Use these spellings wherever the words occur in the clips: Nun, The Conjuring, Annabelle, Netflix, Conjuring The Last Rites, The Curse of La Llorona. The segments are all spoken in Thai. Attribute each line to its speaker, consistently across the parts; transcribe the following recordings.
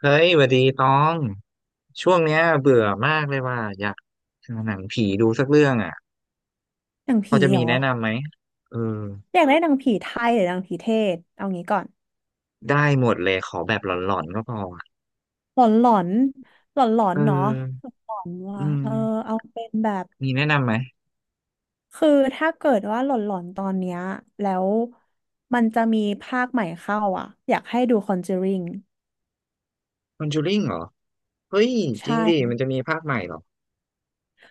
Speaker 1: เฮ้ยหวัดดีตอง ช่วงเนี้ยเบื่อมากเลยว่าอยากหาหนังผีดูสักเรื่องอ่ะ
Speaker 2: หนัง
Speaker 1: พอ
Speaker 2: ผี
Speaker 1: จะ
Speaker 2: เห
Speaker 1: มี
Speaker 2: รอ
Speaker 1: แนะนำไหมเออ
Speaker 2: อยากได้หนังผีไทยหรือหนังผีเทศเอางี้ก่อน
Speaker 1: ได้หมดเลยขอแบบหลอนๆก็พออะ
Speaker 2: หลอนหลอนหลอนหลอ
Speaker 1: เ
Speaker 2: นเนาะ
Speaker 1: ออ
Speaker 2: หลอนๆ
Speaker 1: อื
Speaker 2: ว่ะเออ
Speaker 1: ม
Speaker 2: เอาเป็นแบบ
Speaker 1: มีแนะนำไหม
Speaker 2: คือถ้าเกิดว่าหลอนหลอนตอนเนี้ยแล้วมันจะมีภาคใหม่เข้าอ่ะอยากให้ดู Conjuring
Speaker 1: คอนจูริงเหรอ เฮ้ยจริ
Speaker 2: ใช่
Speaker 1: งดิมันจะมีภาคใหม่เหรอ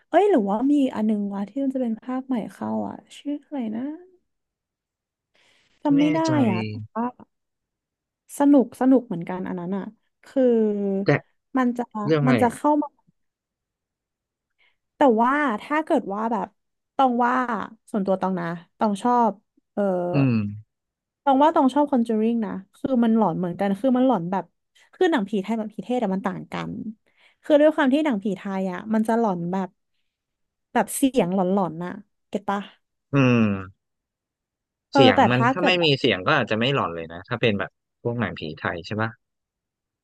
Speaker 2: เอ้ยหรือว่ามีอันนึงวะที่มันจะเป็นภาคใหม่เข้าอ่ะชื่ออะไรนะจำ
Speaker 1: ไม่
Speaker 2: ไม่
Speaker 1: แน่ใจ
Speaker 2: ได้อ่ะแต่ว่าสนุกสนุกเหมือนกันอันนั้นอ่ะคือ
Speaker 1: แต่
Speaker 2: มันจะ
Speaker 1: เรื่องอะ
Speaker 2: มั
Speaker 1: ไร
Speaker 2: นจะ
Speaker 1: อ่ะ
Speaker 2: เข้ามา แต่ว่าถ้าเกิดว่าแบบตองว่าส่วนตัวตองนะตองชอบเออ
Speaker 1: อืม
Speaker 2: ตองว่าตองชอบคอนเจอริงนะคือมันหลอนเหมือนกันคือมันหลอนแบบคือหนังผีไทยกับผีเทศแต่มันต่างกันคือด้วยความที่หนังผีไทยอ่ะมันจะหลอนแบบแบบเสียงหลอนๆน่ะเก็ตปะ
Speaker 1: อืม
Speaker 2: เออ
Speaker 1: เสียง
Speaker 2: แต่
Speaker 1: มัน
Speaker 2: ถ้า
Speaker 1: ถ้า
Speaker 2: เกิด
Speaker 1: ไม่มีเสียงก็อาจจะไม่หลอนเลยนะ ถ้าเป็นแบบพวกหนังผีไทยใช่ปะ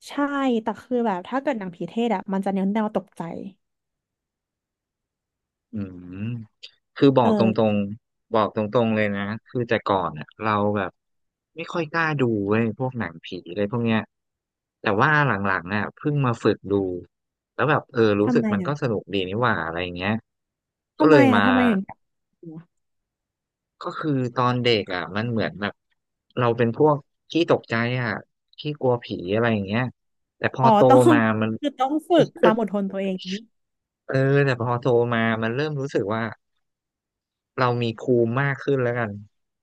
Speaker 2: ใช่แต่คือแบบถ้าเกิดหนังผีเทศอ่ะมันจะเน้นแนวตกใจ
Speaker 1: อืมคือบอกตร
Speaker 2: เอ
Speaker 1: ง
Speaker 2: อ
Speaker 1: ๆบอกตรงๆเลยนะคือแต่ก่อนอ่ะเราแบบไม่ค่อยกล้าดูเว้ยพวกหนังผีอะไรพวกเนี้ยแต่ว่าหลังๆน่ะเพิ่งมาฝึกดูแล้วแบบเออรู้
Speaker 2: ทำ
Speaker 1: สึก
Speaker 2: ไม
Speaker 1: มันก็
Speaker 2: อ่ะ
Speaker 1: สนุกดีนี่หว่าอะไรเงี้ยก็
Speaker 2: ทำ
Speaker 1: เล
Speaker 2: ไม
Speaker 1: ย
Speaker 2: อ่ะ
Speaker 1: มา
Speaker 2: ทำไมถึงอยากดูอะ
Speaker 1: ก็คือตอนเด็กอ่ะมันเหมือนแบบเราเป็นพวกขี้ตกใจอ่ะขี้กลัวผีอะไรอย่างเงี้ยแต่พอ
Speaker 2: อ๋อ
Speaker 1: โต
Speaker 2: ต้อง
Speaker 1: มามัน
Speaker 2: คือต้องฝึกความอดทนตัวเองนี้
Speaker 1: เออแต่พอโตมามันเริ่มรู้สึกว่า เรามีภูมิมากขึ้นแล้วกัน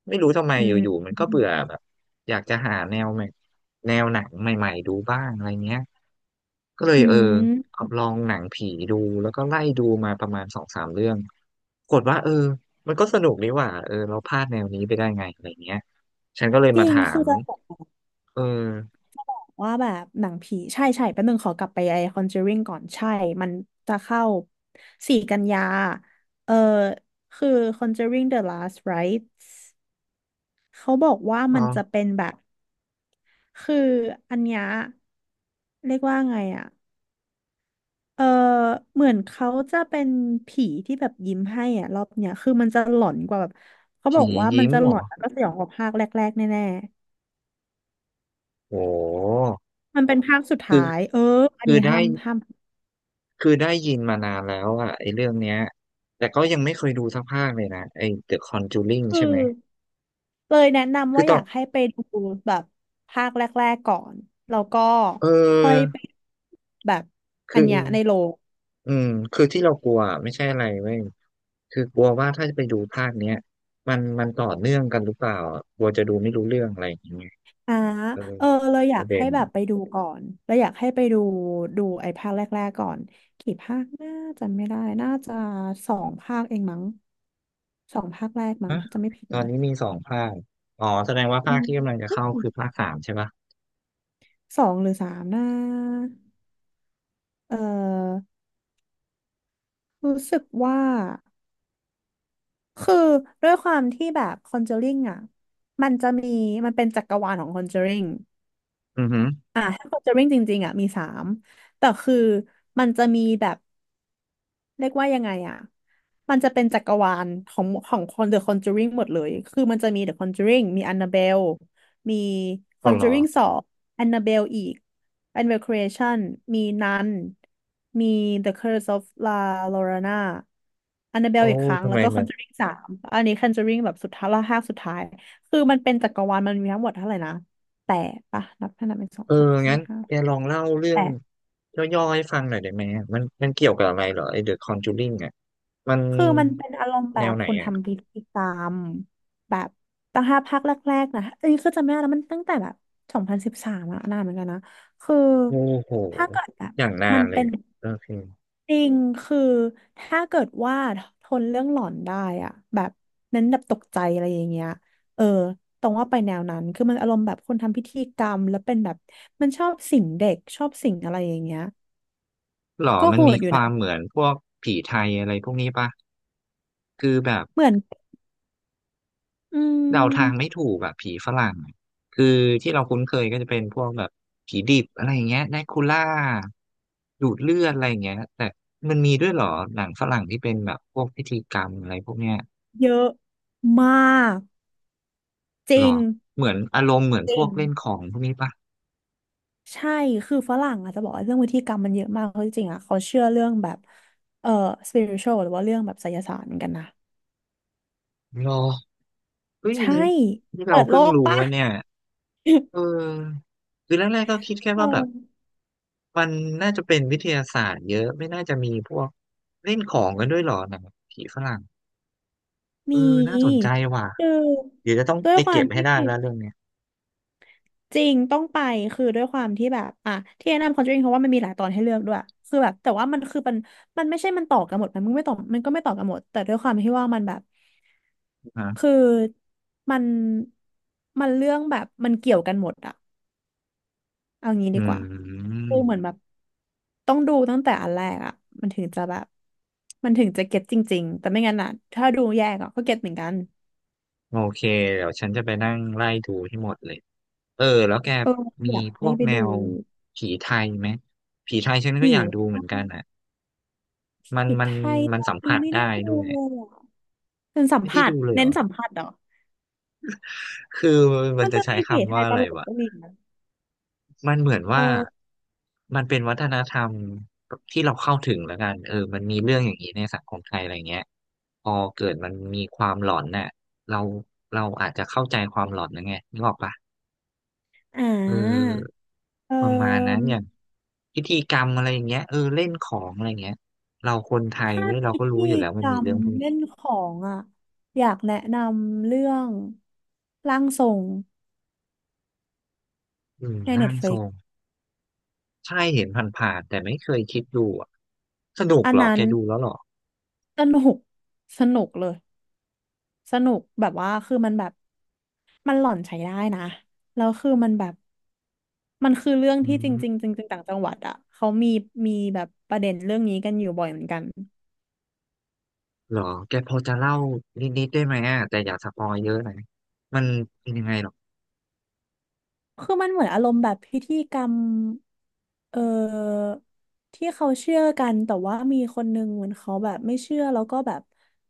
Speaker 1: ไม่รู้ทำไม
Speaker 2: อื
Speaker 1: อยู่ๆ
Speaker 2: ม
Speaker 1: มันก็เบื่อแบบอยากจะหาแนวใหม่แนวหนังใหม่ๆดูบ้างอะไรเงี้ยก็เลย
Speaker 2: อื
Speaker 1: เออ
Speaker 2: ม
Speaker 1: ลองหนังผีดูแล้วก็ไล่ดูมาประมาณสองสามเรื่องปรากฏว่าเออมันก็สนุกดีว่ะเออเราพลาดแนวนี้ไปได้ไงอะไรเงี้ยฉันก็เลย
Speaker 2: จ
Speaker 1: มา
Speaker 2: ริง
Speaker 1: ถา
Speaker 2: คือ
Speaker 1: ม
Speaker 2: จะบอก
Speaker 1: เออ
Speaker 2: ว่าแบบหนังผีใช่ใช่แป๊บนึงขอกลับไปไอ้ Conjuring ก่อนใช่มันจะเข้า4 กันยาเออคือ Conjuring The Last Rites เขาบอกว่า
Speaker 1: ลอ
Speaker 2: มันจะเป็นแบบคืออันเนี้ยเรียกว่าไงอ่ะเออเหมือนเขาจะเป็นผีที่แบบยิ้มให้อ่ะรอบเนี้ยคือมันจะหลอนกว่าแบบเขาบ
Speaker 1: ผี
Speaker 2: อกว่ามัน
Speaker 1: ยิ้ม
Speaker 2: จะ
Speaker 1: เหร
Speaker 2: หลอ
Speaker 1: อ
Speaker 2: นแล้วก็สยองกว่าภาคแรกๆแน่
Speaker 1: โห
Speaker 2: มันเป็นภาคสุด
Speaker 1: คื
Speaker 2: ท้า
Speaker 1: อ
Speaker 2: ยเอออัน
Speaker 1: คือ
Speaker 2: นี้
Speaker 1: ได้
Speaker 2: ห้ามห้าม
Speaker 1: คือได้ยินมานานแล้วอะไอ้เรื่องเนี้ยแต่ก็ยังไม่เคยดูสักภาคเลยนะไอ้ The Conjuring
Speaker 2: คื
Speaker 1: ใช่ไหม
Speaker 2: อเลยแนะนำ
Speaker 1: คือ
Speaker 2: ว่า
Speaker 1: ต
Speaker 2: อ
Speaker 1: อน
Speaker 2: ยากให้ไปดูแบบภาคแรกๆก่อน แล้วก็
Speaker 1: เ
Speaker 2: ค่อย
Speaker 1: ออ
Speaker 2: ไปแบบอัน
Speaker 1: คือ
Speaker 2: เนี้ยในโรง
Speaker 1: อืมคือที่เรากลัวไม่ใช่อะไรเว้ยคือกลัวว่าถ้าจะไปดูภาคเนี้ยมันมันต่อเนื่องกันหรือเปล่าอะกลัวจะดูไม่รู้เรื่องอะไรอย่างเงี้ย
Speaker 2: อ่า
Speaker 1: เออ
Speaker 2: เออเลยอ
Speaker 1: ป
Speaker 2: ยาก
Speaker 1: ระเด็
Speaker 2: ให้
Speaker 1: น
Speaker 2: แบบไปดูก่อนแล้วอยากให้ไปดูดูไอ้ภาคแรกๆก่อนกี่ภาคน่าจำไม่ได้น่าจะสองภาคเองมั้งสองภาคแรกมั้ง
Speaker 1: นะ
Speaker 2: ถ้าจะไม่ผิด
Speaker 1: ตอน
Speaker 2: นะ
Speaker 1: นี้มีสองภาคอ๋อแสดงว่า
Speaker 2: อื
Speaker 1: ภาค
Speaker 2: ม
Speaker 1: ที่กำลังจะเข้าคือภาคสามใช่ปะ
Speaker 2: สองหรือสามนะเออ รู้สึกว่าคือด้วยความที่แบบคอนเจอริงอ่ะมันจะมีมันเป็นจักรวาลของคอนเจอริง
Speaker 1: อือหือ
Speaker 2: อ่ะถ้าคอนเจอริงจริงๆอ่ะมีสามแต่คือมันจะมีแบบ เรียกว่ายังไงอ่ะ มันจะเป็นจักรวาลของคน The Conjuring หมดเลยคือมันจะมี The Conjuring มี Annabelle มี
Speaker 1: อ๋อเหรอ
Speaker 2: Conjuring สอง Annabelle อีก Annabelle Creation มี Nun มี The Curse of La Llorona
Speaker 1: โอ้
Speaker 2: Annabelle อีกครั้ง
Speaker 1: ทำ
Speaker 2: แล้
Speaker 1: ไม
Speaker 2: วก็
Speaker 1: มัน
Speaker 2: Conjuring สามอันนี้ Conjuring แบบสุดท้ายละห้าสุดท้าย คือมันเป็นจักรวาลมันมีทั้งหมดเท่าไหร่นะแปดปะนับให้านับเป็นสอง
Speaker 1: เออ
Speaker 2: สามสี่
Speaker 1: งั้น
Speaker 2: ห้า
Speaker 1: แกลองเล่าเรื่
Speaker 2: แป
Speaker 1: อง
Speaker 2: ด
Speaker 1: ย่อๆให้ฟังหน่อยได้ไหมอะมันมันเกี่ยวกับอะไรเหรอไอ้ The Conjuring อ่ะมัน
Speaker 2: คือมันเป็นอารมณ์แบ
Speaker 1: แนว
Speaker 2: บ
Speaker 1: ไหน
Speaker 2: คุณ
Speaker 1: อ่ะ
Speaker 2: ทำพิธีกรรมแบบตั้งห้าภาคแรกๆนะเอ้ยคือจำไม่ได้แล้วมันตั้งแต่แบบ2013อะนานเหมือนกันนะคือ
Speaker 1: โอ้โห
Speaker 2: ถ้าเกิดแบบ
Speaker 1: อย่างนา
Speaker 2: มั
Speaker 1: น
Speaker 2: น
Speaker 1: เล
Speaker 2: เป็
Speaker 1: ย
Speaker 2: น
Speaker 1: โอเค
Speaker 2: จริงคือถ้าเกิดว่าทนเรื่องหลอนได้อะแบบเน้นแบบตกใจอะไรอย่างเงี้ยเออตรงว่าไปแนวนั้นคือมันอารมณ์แบบคนทำพิธีกรรมแล้วเป็นแบบมันชอบสิงเด็กชอบสิงอะไรอย่างเงี้ย
Speaker 1: หรอ
Speaker 2: ก็
Speaker 1: มัน
Speaker 2: โห
Speaker 1: มี
Speaker 2: ดอ
Speaker 1: ค
Speaker 2: ยู่นะ
Speaker 1: วามเหมือนพวกผีไทยอะไรพวกนี้ปะ คือแบบ
Speaker 2: เหมือนอื
Speaker 1: เดาทางไม่
Speaker 2: ม
Speaker 1: ถูกแบบผีฝรั่งอะคือที่เราคุ้นเคยก็จะเป็นพวกแบบผีดิบอะไรอย่างเงี้ยแดคูล่าดูดเลือดอะไรอย่างเงี้ยแต่มันมีด้วยเหรอหนังฝรั่งที่เป็นแบบพวกพิธีกรรมอะไรพวกเนี้ย
Speaker 2: เยอะมาก จ
Speaker 1: หร
Speaker 2: ริง
Speaker 1: อเหมือนอารมณ์เหมือน
Speaker 2: จ
Speaker 1: พ
Speaker 2: ริ
Speaker 1: ว
Speaker 2: ง
Speaker 1: กเล่นของพวกนี้ปะ
Speaker 2: ใช่คือฝรั่งอาจจะบอกว่าเรื่องวิธีกรรมมันเยอะมากเพราะจริงๆอ่ะเขาเชื่อเรื่องแบบเอ่อ spiritual หรือว่าเรื่องแบบไสยศาสตร์เหมือนกันนะ
Speaker 1: หรอเฮ้ย
Speaker 2: ใช่
Speaker 1: นี่ที่
Speaker 2: เปิ
Speaker 1: เรา
Speaker 2: ดโล
Speaker 1: เพิ่ง
Speaker 2: ก
Speaker 1: รู้
Speaker 2: ปะ
Speaker 1: ว่าเนี่ยเ ออคือแรกๆก็คิดแค่
Speaker 2: เอ
Speaker 1: ว่าแบ
Speaker 2: อ
Speaker 1: บมันน่าจะเป็นวิทยาศาสตร์เยอะไม่น่าจะมีพวกเล่นของกันด้วยหรอหนังผีฝรั่งเอ
Speaker 2: มี
Speaker 1: อน่าสนใจว่ะ
Speaker 2: คือ
Speaker 1: เดี๋ยวจะต้อง
Speaker 2: ด้วย
Speaker 1: ไป
Speaker 2: ควา
Speaker 1: เก็
Speaker 2: ม
Speaker 1: บให้
Speaker 2: ที่
Speaker 1: ได้แล้วเรื่องเนี้ย
Speaker 2: จริงต้องไปคือด้วยความที่แบบอ่ะที่แนะนำ Conjuring เพราะว่ามันมีหลายตอนให้เลือกด้วยคือแบบแต่ว่ามันไม่ใช่มันต่อกันหมดมันไม่ต่อมันก็ไม่ต่อกันหมดแต่ด้วยความที่ว่ามันแบบ
Speaker 1: ฮะ
Speaker 2: คือมันมันเรื่องแบบมันเกี่ยวกันหมดอะเอางี้
Speaker 1: อื
Speaker 2: ดีกว่าคือเหมือน
Speaker 1: ม
Speaker 2: แบบต้องดูตั้งแต่อันแรกอะมันถึงจะแบบมันถึงจะเก็ตจริงๆแต่ไม่งั้นอะถ้าดูแยกอะก็เก็ตเหมือนกัน
Speaker 1: โอเคเดี๋ยวฉันจะไปนั่งไล่ดูให้หมดเลยเออแล้วแกมี
Speaker 2: อยาก
Speaker 1: พ
Speaker 2: ให้
Speaker 1: วก
Speaker 2: ไป
Speaker 1: แน
Speaker 2: ดู
Speaker 1: วผีไทยไหมผีไทยฉันก็อยากดู
Speaker 2: ผี
Speaker 1: เหมือนกันอ่ะ มัน
Speaker 2: ผี
Speaker 1: มั
Speaker 2: ไท
Speaker 1: น
Speaker 2: ย
Speaker 1: มั
Speaker 2: ต
Speaker 1: น
Speaker 2: อน
Speaker 1: สัม
Speaker 2: นี้
Speaker 1: ผัส
Speaker 2: ไม่ได้
Speaker 1: ได้
Speaker 2: ดู
Speaker 1: ด้วย
Speaker 2: เลยอะเป็นสัม
Speaker 1: ไม่ได้
Speaker 2: ผัส
Speaker 1: ดูเลยเหร
Speaker 2: เน้น
Speaker 1: อ
Speaker 2: สัมผัสเหรอ
Speaker 1: คือมั
Speaker 2: มั
Speaker 1: น
Speaker 2: น
Speaker 1: จะ
Speaker 2: จะ
Speaker 1: ใช้
Speaker 2: มีผี
Speaker 1: คำ
Speaker 2: ไท
Speaker 1: ว่า
Speaker 2: ยต
Speaker 1: อะไร
Speaker 2: ลก
Speaker 1: วะ
Speaker 2: ก็มีนะ
Speaker 1: มันเหมือน
Speaker 2: เอ
Speaker 1: ว่า
Speaker 2: อ
Speaker 1: มันเป็นวัฒนธรรมที่เราเข้าถึงแล้วกันเออมันมีเรื่องอย่างนี้ในสังคมไทยอะไรเงี้ยพอเกิดมันมีความหลอนน่ะเราเราอาจจะเข้าใจความหลอนนะไงนึกออกปะ
Speaker 2: อ่
Speaker 1: เอ
Speaker 2: า
Speaker 1: อ
Speaker 2: เอ
Speaker 1: ประมาณนั้น
Speaker 2: อ
Speaker 1: อย่างพิธีกรรมอะไรอย่างเงี้ยเออเล่นของอะไรเงี้ยเราคนไทย
Speaker 2: ถ้า
Speaker 1: เว้ยเรา
Speaker 2: พิ
Speaker 1: ก็รู้
Speaker 2: ธี
Speaker 1: อยู่แล้ว
Speaker 2: ก
Speaker 1: มัน
Speaker 2: ร
Speaker 1: มี
Speaker 2: รม
Speaker 1: เรื่องพวก
Speaker 2: เล่
Speaker 1: นี้
Speaker 2: นของอ่ะอยากแนะนำเรื่องร่างทรง
Speaker 1: อืม
Speaker 2: ใน
Speaker 1: ร่างทร
Speaker 2: Netflix
Speaker 1: ง ใช่เห็นผ่านๆแต่ไม่เคยคิดดูอะสนุก
Speaker 2: อัน
Speaker 1: เหรอ
Speaker 2: นั้
Speaker 1: แก
Speaker 2: น
Speaker 1: ดูแล้วเหรอ
Speaker 2: สนุกสนุกเลยสนุกแบบว่าคือมันแบบมันหล่อนใช้ได้นะแล้วคือมันแบบมันคือเรื่อง
Speaker 1: อื
Speaker 2: ที่จ
Speaker 1: ม
Speaker 2: ริงๆจริงๆต่างจังหวัดอ่ะเขามีมีแบบประเด็นเรื่องนี้กันอยู่บ่อยเหมือนกัน
Speaker 1: เหรอแกพอจะเล่านิดๆได้ไหมอ่ะแต่อย่าสปอยเยอะนะมันเป็นยังไงหรอ
Speaker 2: คือมันเหมือนอารมณ์แบบพิธีกรรมเอ่อที่เขาเชื่อกันแต่ว่ามีคนนึงเหมือนเขาแบบไม่เชื่อแล้วก็แบบ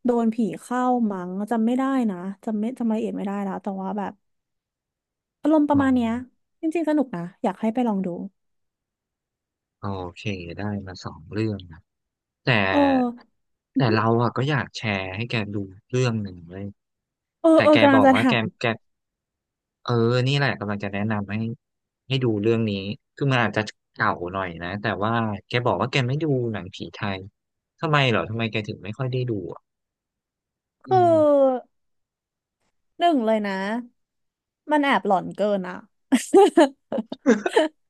Speaker 2: โดนผีเข้ามั้งจำไม่ได้นะจำไม่จำรายละเอียดไม่ได้แล้วแต่ว่าแบบอารมณ์ป
Speaker 1: อ๋
Speaker 2: ระ
Speaker 1: อ
Speaker 2: มาณเนี้ยจริงๆสนุกนะอยากให้ไปลองดู
Speaker 1: โอเคได้มาสองเรื่องนะแต่
Speaker 2: เอออือ
Speaker 1: แต่
Speaker 2: หือ
Speaker 1: เราอ่ะก็อยากแชร์ให้แกดูเรื่องหนึ่งเลย
Speaker 2: เออ
Speaker 1: แต่
Speaker 2: เออ
Speaker 1: แก
Speaker 2: กำลั
Speaker 1: บ
Speaker 2: ง
Speaker 1: อก
Speaker 2: จะ
Speaker 1: ว่า
Speaker 2: ถา
Speaker 1: แก
Speaker 2: ม
Speaker 1: แกเออนี่แหละกำลังจะแนะนำให้ให้ดูเรื่องนี้คือมันอาจจะเก่าหน่อยนะแต่ว่าแกบอกว่าแกไม่ดูหนังผีไทยทำไมเหรอทำไมแกถึงไม่ค่อยได้ดู อื
Speaker 2: คื
Speaker 1: ม
Speaker 2: อหนึ่งเลยนะมันแอบหลอนเกินอ่ะ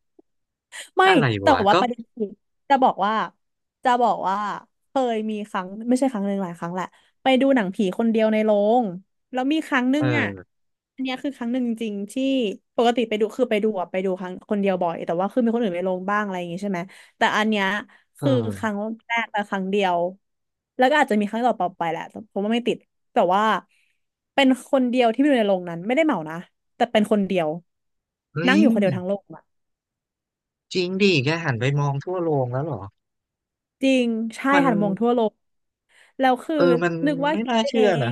Speaker 2: ไม่
Speaker 1: อะไร
Speaker 2: แต่
Speaker 1: วะ
Speaker 2: ว่า
Speaker 1: ก็
Speaker 2: ประเด็นคือจะบอกว่า จะบอกว่าเคยมีครั้งไม่ใช่ครั้งหนึ่งหลายครั้งแหละไปดูหนังผีคนเดียวในโรงแล้วมีครั้งหนึ่งอ่ะ
Speaker 1: เออ
Speaker 2: อันเนี้ยคือครั้งหนึ่งจริงๆที่ปกติไปดูคือไปดูครั้งคนเดียวบ่อยแต่ว่าคือมีคนอื่นไปลงบ้างอะไรอย่างงี้ใช่ไหมแต่อันเนี้ย
Speaker 1: เอ
Speaker 2: คือ
Speaker 1: อ
Speaker 2: ครั้งแรกและครั้งเดียวแล้วก็อาจจะมีครั้งต่อไปไปแหละแต่ผมว่าไม่ติดแต่ว่าเป็นคนเดียวที่ไปดูในโรงนั้นไม่ได้เหมานะแต่เป็นคนเดียว
Speaker 1: เฮ้
Speaker 2: นั่
Speaker 1: ย
Speaker 2: งอยู่คนเดียวทั้งโลก
Speaker 1: จริงดิแกหันไปมองทั่วโรงแล้วเหรอ
Speaker 2: จริงใช่
Speaker 1: มัน
Speaker 2: หันมองทั่วโลกแล้วคือ
Speaker 1: เออมัน
Speaker 2: นึกว่า
Speaker 1: ไม่
Speaker 2: คิด
Speaker 1: น่า
Speaker 2: ไป
Speaker 1: เชื่
Speaker 2: เอ
Speaker 1: อนะ
Speaker 2: ง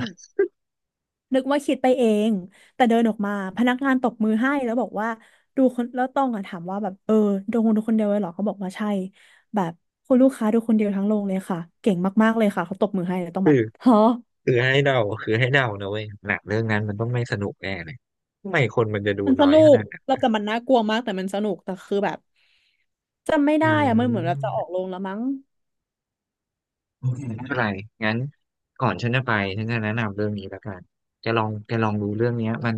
Speaker 2: นึกว่าคิดไปเองแต่เดินออกมาพนักงานตบมือให้แล้วบอกว่าดูคนแล้วต้องอะถามว่าแบบเออดูคนเดียวเลยเหรอเขาบอกว่าใช่แบบคุณลูกค้าดูคนเดียวทั้งโรงเลยค่ะเก่งมากๆเลยค่ะเขาตบมือให้แล้วต้อง
Speaker 1: คื
Speaker 2: แบ
Speaker 1: อ
Speaker 2: บฮะ
Speaker 1: คือให้เดาคือให้เดานะเว้ยหนังเรื่องนั้นมันต้องไม่สนุกแน่เลยทำไมคนมันจะดู
Speaker 2: มันส
Speaker 1: น้อย
Speaker 2: นุ
Speaker 1: ข
Speaker 2: ก
Speaker 1: นาดนั้
Speaker 2: เรา
Speaker 1: น
Speaker 2: แต่มันน่ากลัวมากแต่มันสนุกแต่คือแบบจำไม่
Speaker 1: อื
Speaker 2: ได้อะมันเหมือนเราจะออ
Speaker 1: ม
Speaker 2: กโรงแล้วมั้ง
Speaker 1: ไม่เป็นไรงั้นก่อนฉันจะไปฉันจะแนะนำเรื่องนี้แล้วกันแกลองแกลองดูเรื่องเนี้ยมัน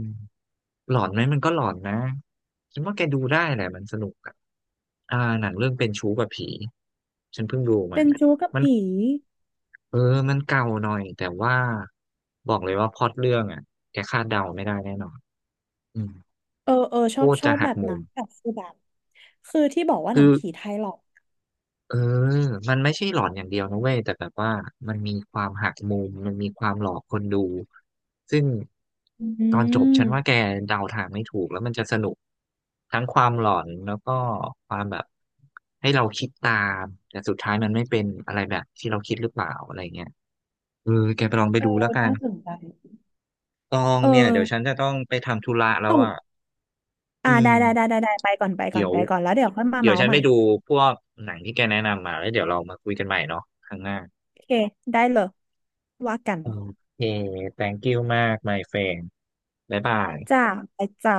Speaker 1: หลอนไหมมันก็หลอนนะฉันว่าแกดูได้แหละมันสนุกอะอ่าหนังเรื่องเป็นชู้กับผีฉันเพิ่งดูมั
Speaker 2: เป็
Speaker 1: น
Speaker 2: น
Speaker 1: อะ
Speaker 2: จู๊กับ
Speaker 1: มัน
Speaker 2: ผี
Speaker 1: เออมันเก่าหน่อยแต่ว่าบอกเลยว่าพล็อตเรื่องอ่ะแกคาดเดาไม่ได้แน่นอนอืม
Speaker 2: เออเออช
Speaker 1: โค
Speaker 2: อบ
Speaker 1: ตร
Speaker 2: ชอ
Speaker 1: จะ
Speaker 2: บ
Speaker 1: หั
Speaker 2: แบ
Speaker 1: ก
Speaker 2: บ
Speaker 1: มุ
Speaker 2: นั้
Speaker 1: ม
Speaker 2: นแบบคือแบบคือที่บอกว่าหนั
Speaker 1: คื
Speaker 2: ง
Speaker 1: อ
Speaker 2: ผีไทยหรอก
Speaker 1: เออมันไม่ใช่หลอนอย่างเดียวนะเว้ยแต่แบบว่ามันมีความหักมุมมันมีความหลอกคนดูซึ่ง
Speaker 2: อื
Speaker 1: ตอนจบฉันว่าแก
Speaker 2: ม
Speaker 1: เดาทางไม่ถูกแล้วมันจะสนุกทั้งความหลอนแล้วก็ความแบบให้เราคิดตามแต่สุดท้ายมันไม่เป็นอะไรแบบที่เราคิดหรือเปล่าอะไรเงี้ยเออแกไปลองไป
Speaker 2: เออ
Speaker 1: ดูแล้วกั
Speaker 2: น่า
Speaker 1: น
Speaker 2: สนใจ
Speaker 1: ตอง
Speaker 2: เออ
Speaker 1: เนี่ยเดี๋ยวฉันจะต้องไปทำธุระแล้
Speaker 2: ต้
Speaker 1: ว
Speaker 2: อง
Speaker 1: อ่ะอื
Speaker 2: อ่าได้
Speaker 1: ม
Speaker 2: ได้ได้ได้ได้ไปก่อนไปก่
Speaker 1: เดี๋
Speaker 2: อน
Speaker 1: ยว
Speaker 2: ไปก่อน แล้วเดี๋ยวค่อยมา
Speaker 1: เดี๋ยว
Speaker 2: เมา
Speaker 1: ฉั
Speaker 2: ส์
Speaker 1: น
Speaker 2: ให
Speaker 1: ไป
Speaker 2: ม่
Speaker 1: ดูพวกหนังที่แกแนะนำมาแล้วเดี๋ยวเรามาคุยกันใหม่เนาะครั้งหน้า
Speaker 2: โอเค ได้เลยว่ากัน
Speaker 1: โอเค thank you มาก my friend บ๊ายบาย
Speaker 2: จ้าไปจ้า